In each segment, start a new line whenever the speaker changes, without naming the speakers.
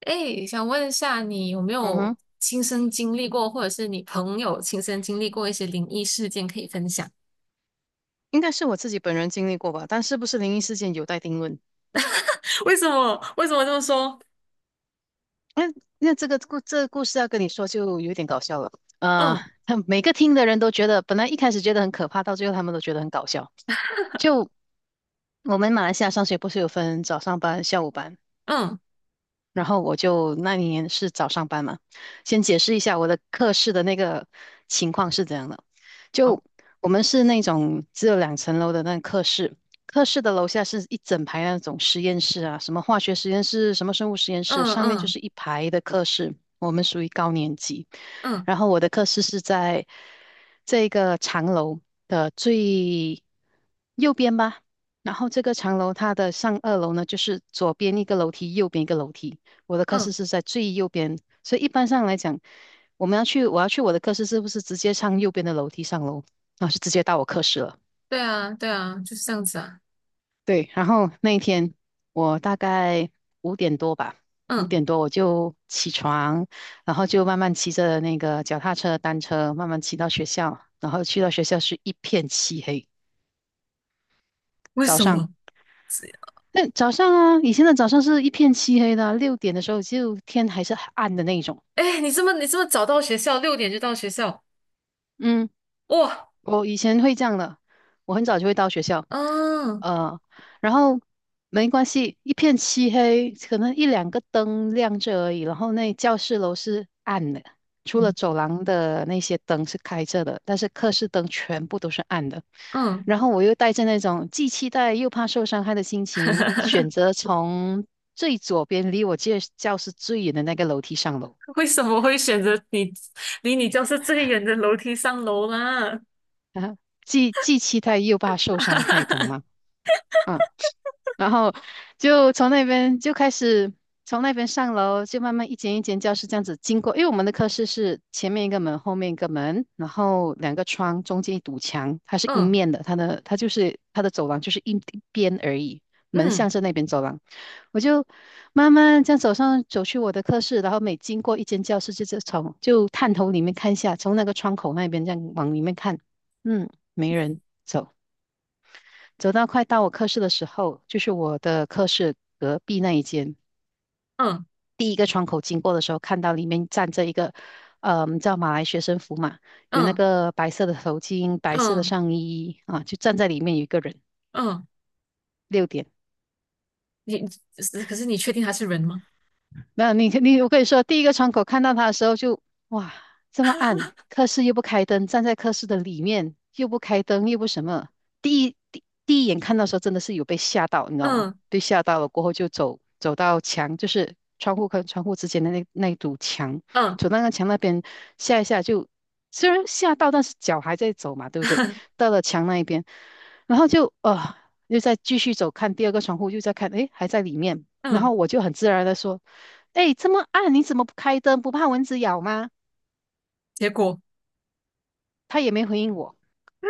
哎，想问一下，你有没
嗯
有
哼，
亲身经历过，或者是你朋友亲身经历过一些灵异事件可以分享？
应该是我自己本人经历过吧，但是不是灵异事件有待定论。
为什么？为什么这么说？
那那这个故事要跟你说就有点搞笑了。啊！
嗯
他每个听的人都觉得，本来一开始觉得很可怕，到最后他们都觉得很搞笑。就我们马来西亚上学不是有分早上班、下午班？
嗯，
然后我就那一年是早上班嘛，先解释一下我的课室的那个情况是怎样的。就
好，
我们是那种只有两层楼的那个课室，课室的楼下是一整排那种实验室啊，什么化学实验室，什么生物实验室，
嗯
上面就
嗯
是一排的课室。我们属于高年级，
嗯
然后我的课室是在这个长楼的最右边吧。然后这个长楼它的上二楼呢，就是左边一个楼梯，右边一个楼梯。我的课室
嗯，
是在最右边，所以一般上来讲，我要去我的课室，是不是直接上右边的楼梯上楼然后是直接到我课室了。
对啊对啊，就是这样子啊。
对，然后那一天我大概五点多吧，五
嗯，
点多我就起床，然后就慢慢骑着那个脚踏车、单车，慢慢骑到学校，然后去到学校是一片漆黑。
为
早
什
上，
么？
那早上啊，以前的早上是一片漆黑的啊六点的时候就天还是很暗的那种。
哎，你这么早到学校，6点就到学校，
嗯，
哇，
我以前会这样的，我很早就会到学校，
嗯
呃，然后没关系，一片漆黑，可能一两个灯亮着而已，然后那教室楼是暗的，除了走廊的那些灯是开着的，但是课室灯全部都是暗的。
嗯，
然后我又带着那种既期待又怕受伤害的心情，选 择从最左边离我教室最远的那个楼梯上楼，
为什么会选择离你教室最远的楼梯上楼啦？
啊，既期待又怕受伤害，懂吗？嗯。然后就从那边就开始从那边上楼，就慢慢一间一间教室这样子经过。因为我们的课室是前面一个门，后面一个门，然后两个窗，中间一堵墙，它是阴
嗯
面的，它的走廊就是一边而已，门向
嗯
着那边走廊。我就慢慢这样走上走去我的课室，然后每经过一间教室就，就是探头里面看一下，从那个窗口那边这样往里面看，嗯，没人。走。走到快到我课室的时候，就是我的课室隔壁那一间，
嗯
第一个窗口经过的时候，看到里面站着一个，叫马来学生服嘛，有那
嗯
个白色的头巾、白色的
嗯
上衣啊，就站在里面有一个人，
嗯，
六点。
你是可是你确定他是人吗？
那你你我跟你说，第一个窗口看到他的时候就哇，这么暗，科室又不开灯，站在科室的里面又不开灯，又不什么。第一眼看到的时候，真的是有被吓到，你知道吗？
嗯
被吓到了过后就走到墙，就是窗户跟窗户之间的那一堵墙，
嗯
走到那个墙那边吓一吓就，虽然吓到，但是脚还在走嘛，对不对？到了墙那一边，然后就又再继续走，看第二个窗户，又在看，诶，还在里面。然
嗯，
后我就很自然的说。哎，这么暗，你怎么不开灯？不怕蚊子咬吗？
结果
他也没回应我，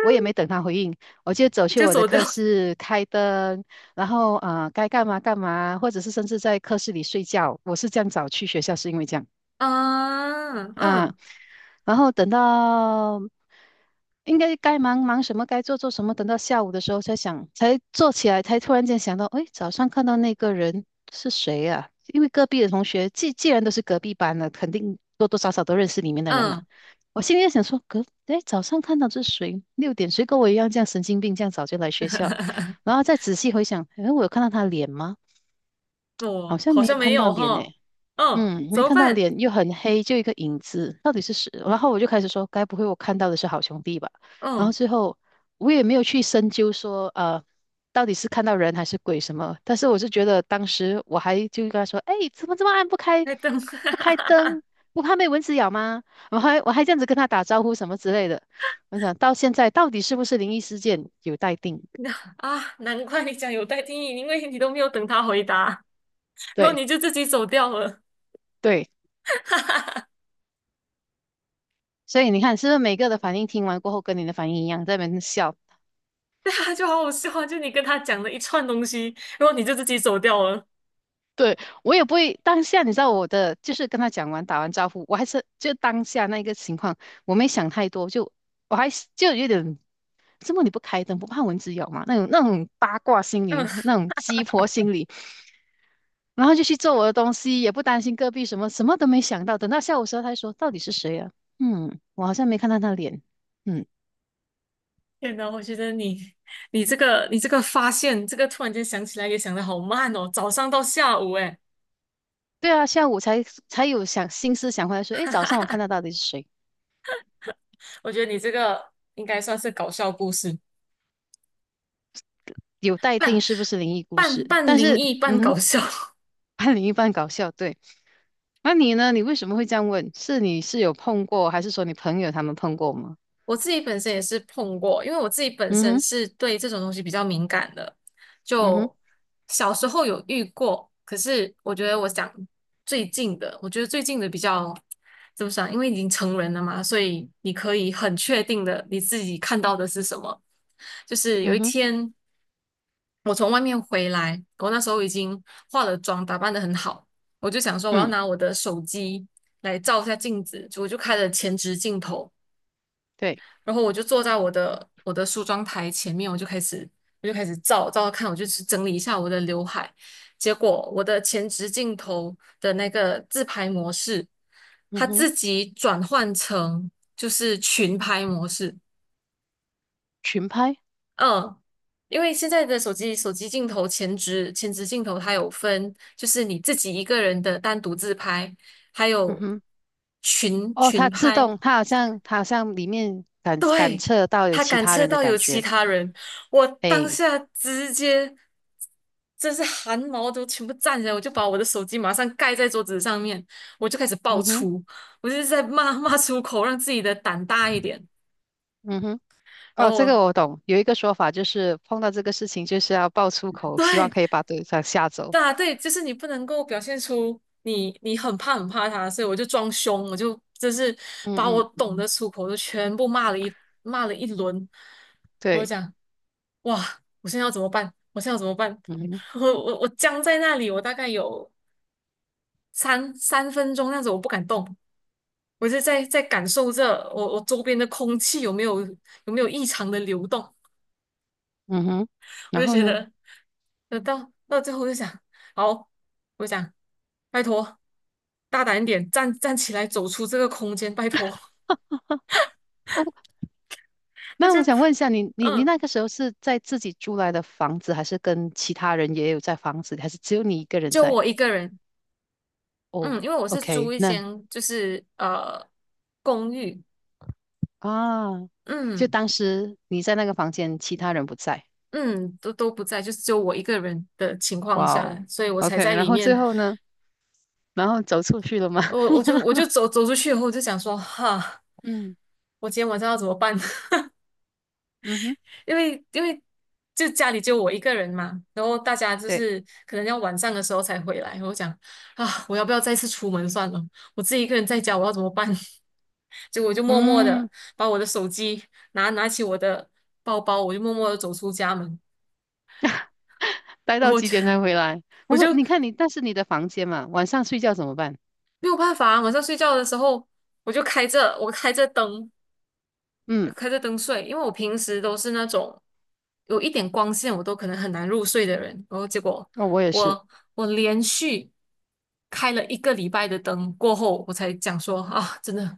我也没等他回应，我就走去
就
我的
走掉。
课室开灯，然后该干嘛干嘛，或者是甚至在课室里睡觉。我是这样早去学校，是因为这样。
嗯
啊，
嗯
然后等到应该该忙忙什么，该做做什么，等到下午的时候才想，才坐起来，才突然间想到，哎，早上看到那个人是谁呀、因为隔壁的同学，既然都是隔壁班的，肯定多多少少都认识里面的人嘛。
嗯，
我心里在想说，哎，早上看到这是谁？六点，谁跟我一样这样神经病，这样早就来学校？然后再仔细回想，哎，我有看到他脸吗？
我
好像
好
没有
像没
看到
有
脸呢。
哈。嗯，怎
没
么
看到
办？
脸又很黑，就一个影子，到底是谁？然后我就开始说，该不会我看到的是好兄弟吧？然后
嗯，
最后我也没有去深究说，到底是看到人还是鬼什么。但是我是觉得当时我还就跟他说，哎，怎么这么暗，不开
在等。
不开 灯，不怕被蚊子咬吗？我还这样子跟他打招呼什么之类的。我想到现在到底是不是灵异事件有待定。
那啊，难怪你讲有待定义，因为你都没有等他回答，然后
对
你就自己走掉了。
对，所以你看是不是每个的反应听完过后跟你的反应一样，在那边笑。
对啊，就好好笑啊！就你跟他讲了一串东西，然后你就自己走掉了。
我也不会当下，你知道我的，就是跟他讲完打完招呼，我还是就当下那个情况，我没想太多，就我还是就有点，这么你不开灯不怕蚊子咬吗？那种八卦心理，
嗯。
那种鸡婆心理，然后就去做我的东西，也不担心隔壁什么，什么都没想到。等到下午时候，他说到底是谁啊？嗯，我好像没看到他脸。嗯，
天呐，我觉得你这个发现，这个突然间想起来也想得好慢哦，早上到下午哎，
对啊，下午才有想心思想回来说，诶，早上我看到到底是谁？
我觉得你这个应该算是搞笑故事，
有待定
半
是不是灵异故
半
事？
半
但
灵
是，
异半
嗯
搞
哼。
笑。
半灵异半搞笑，对。那你呢？你为什么会这样问？是你是有碰过，还是说你朋友他们碰过吗？
我自己本身也是碰过，因为我自己本
嗯
身
哼，
是对这种东西比较敏感的，
嗯哼，
就小时候有遇过，可是我觉得最近的比较怎么讲？因为已经成人了嘛，所以你可以很确定的你自己看到的是什么。就是有
嗯
一
哼，
天我从外面回来，我那时候已经化了妆，打扮的很好，我就想说我要
嗯，
拿我的手机来照一下镜子，我就开了前置镜头。
对，
然后我就坐在我的梳妆台前面，我就开始照照看，我就去整理一下我的刘海。结果我的前置镜头的那个自拍模式，
嗯
它
哼，
自己转换成就是群拍模式。
群拍，
嗯，因为现在的手机镜头前置镜头它有分，就是你自己一个人的单独自拍，还
嗯
有
哼，
群
哦，
群
它自
拍，
动，它好像里面感感
对，
测到有
他
其
感
他
测
人的
到
感
有其
觉，
他人，我当
哎，
下直接，真是汗毛都全部站起来，我就把我的手机马上盖在桌子上面，我就开始爆
嗯哼，
粗，我就是在骂 骂出口，让自己的胆大一点。
嗯哼，
然
哦，
后
这
我
个我懂，有一个说法就是碰到这个事情就是要爆粗口，希望
对，
可以把对方吓走。
对啊，对，就是你不能够表现出你很怕很怕他，所以我就装凶，我就
嗯
把我
嗯，
懂得出口都全部骂了一轮，我就
对，
讲，哇，我现在要怎么办？我现在要怎么办？
嗯哼，
我僵在那里，我大概有三分钟那样子，我不敢动，我就在感受着我周边的空气有没有异常的流动，
嗯哼，
我
然
就
后
觉
呢？
得。那到最后就想，好，我想，拜托，大胆一点，站起来，走出这个空间，拜托。
哦。
那
那
就，
我想问一下，你
嗯，
那个时候是在自己租来的房子，还是跟其他人也有在房子里还是只有你一个人
就
在？
我一个人，
哦
嗯，因为我是租
，OK，
一
那
间，就是公寓，
啊，就
嗯
当时你在那个房间，其他人不在。
嗯，都不在，就是只有我一个人的情况
哇
下，
哦
所以我才
，OK，
在
然
里
后最
面，
后呢？然后走出去了吗？
我我 就我就走出去以后，我就想说，哈，
嗯
我今天晚上要怎么办？
嗯哼，
因为就家里就我一个人嘛，然后大家就
对，
是可能要晚上的时候才回来。我讲啊，我要不要再次出门算了？我自己一个人在家，我要怎么办？结果我就默默
嗯，
的把我的手机拿起我的包包，我就默默的走出家门。
待到
我
几
就
点才回来？我
我就
说，你看你，但是你的房间嘛，晚上睡觉怎么办？
没有办法啊，晚上睡觉的时候我开着灯，
嗯，
开着灯睡，因为我平时都是那种有一点光线我都可能很难入睡的人，然后结果
哦，我也是
我我连续开了一个礼拜的灯过后，我才讲说啊，真的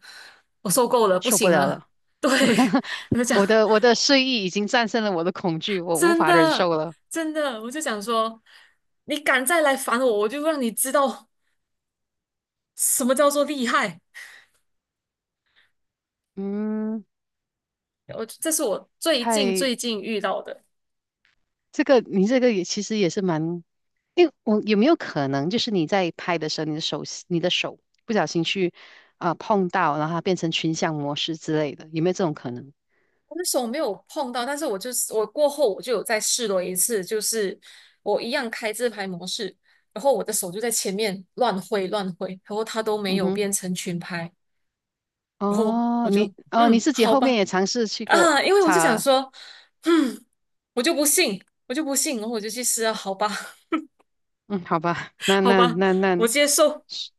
我受够了，不
受不
行
了
了，
了。
对，我就讲
我的睡意已经战胜了我的恐惧，我无
真
法忍
的
受了。
真的，我就想说你敢再来烦我，我就让你知道什么叫做厉害。
嗯，
我这是我最
嗨，
近最近遇到的。
这个你这个也其实也是蛮，因为我有没有可能就是你在拍的时候，你的手不小心去碰到，然后它变成群像模式之类的，有没有这种可能？
我的手没有碰到，但是我过后我就有再试了一次，就是我一样开自拍模式，然后我的手就在前面乱挥乱挥，然后它都没
嗯
有
哼，
变成群拍，然后我
哦，你
就
哦你自己
好
后
吧
面也尝试去过
啊，因为我就想
擦，
说，嗯，我就不信，我就不信，然后我就去试啊，好吧
嗯，好吧，那
好
那
吧，
那那，
我接受，
是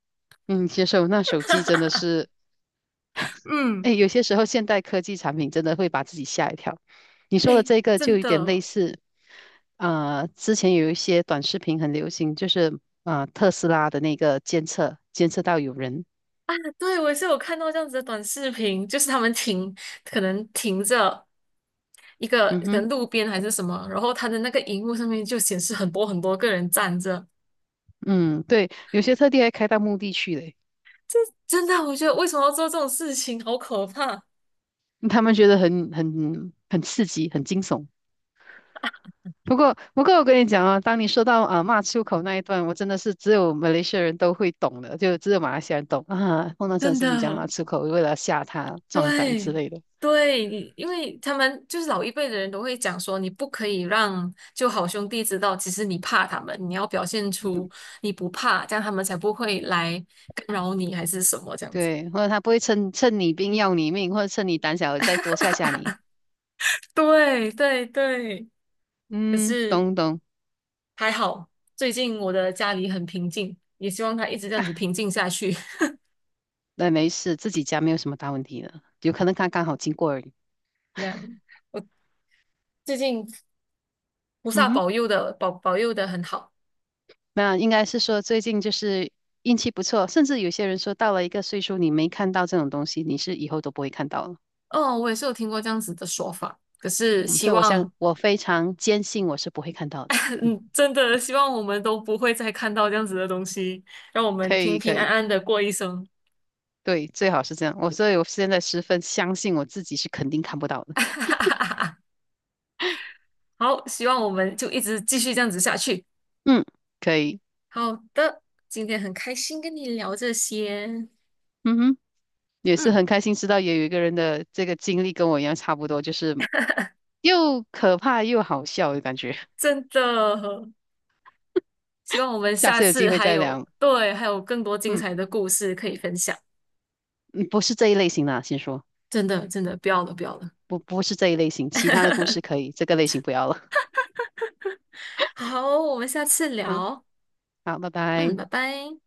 嗯，接受那手机真的 是。哎，
嗯，
有些时候现代科技产品真的会把自己吓一跳。你说的
哎，
这个就
真
有点类
的。
似，之前有一些短视频很流行，就是特斯拉的那个监测，监测到有人，
对，我也是有看到这样子的短视频，就是他们停，可能停着一个
嗯
可
哼，
能路边还是什么，然后他的那个荧幕上面就显示很多很多个人站着。
嗯，对，有些特地还开到墓地去嘞，
真的，我觉得为什么要做这种事情，好可怕！
他们觉得很刺激，很惊悚。不过我跟你讲啊，当你说到啊骂出口那一段，我真的是只有马来西亚人都会懂的，就只有马来西亚人懂啊。碰到这种
真
事情讲
的，
骂出口，为了吓他壮胆之
对
类的。
对，因为他们就是老一辈的人都会讲说，你不可以让就好兄弟知道，其实你怕他们，你要表现出你不怕，这样他们才不会来干扰你还是什么这样子。
对，或者他不会趁你病要你命，或者趁你胆小再多吓吓你。
对对对。可
嗯，
是
懂懂，
还好，最近我的家里很平静，也希望它一直这样子平静下去。
那没事，自己家没有什么大问题的，有可能他刚好经过而已。
这样，我最近菩
嗯
萨
哼，
保佑的很好。
那应该是说最近就是运气不错，甚至有些人说到了一个岁数，你没看到这种东西，你是以后都不会看到了。
哦，我也是有听过这样子的说法，可是
嗯，
希
所以我想，
望，
我非常坚信我是不会看到的。嗯，
嗯，真的希望我们都不会再看到这样子的东西，让我
可
们平
以可
平安
以，
安的过一生。
对，最好是这样。所以我现在十分相信我自己是肯定看不到的。
好，希望我们就一直继续这样子下去。
嗯，可以。
好的，今天很开心跟你聊这些，
嗯哼。也是
嗯，
很开心知道也有一个人的这个经历跟我一样差不多，就是又可怕又好笑的感觉。
真的。希望我们
下
下
次有
次
机会
还
再
有，
聊。
对，还有更多精
嗯，
彩的故事可以分享。
嗯不是这一类型的，先说
真的，真的，不要了，不要了。
不是这一类型，其他的故事可 以，这个类型不要了。
好，我们下次
好，
聊。
好，拜
嗯，
拜。
拜拜。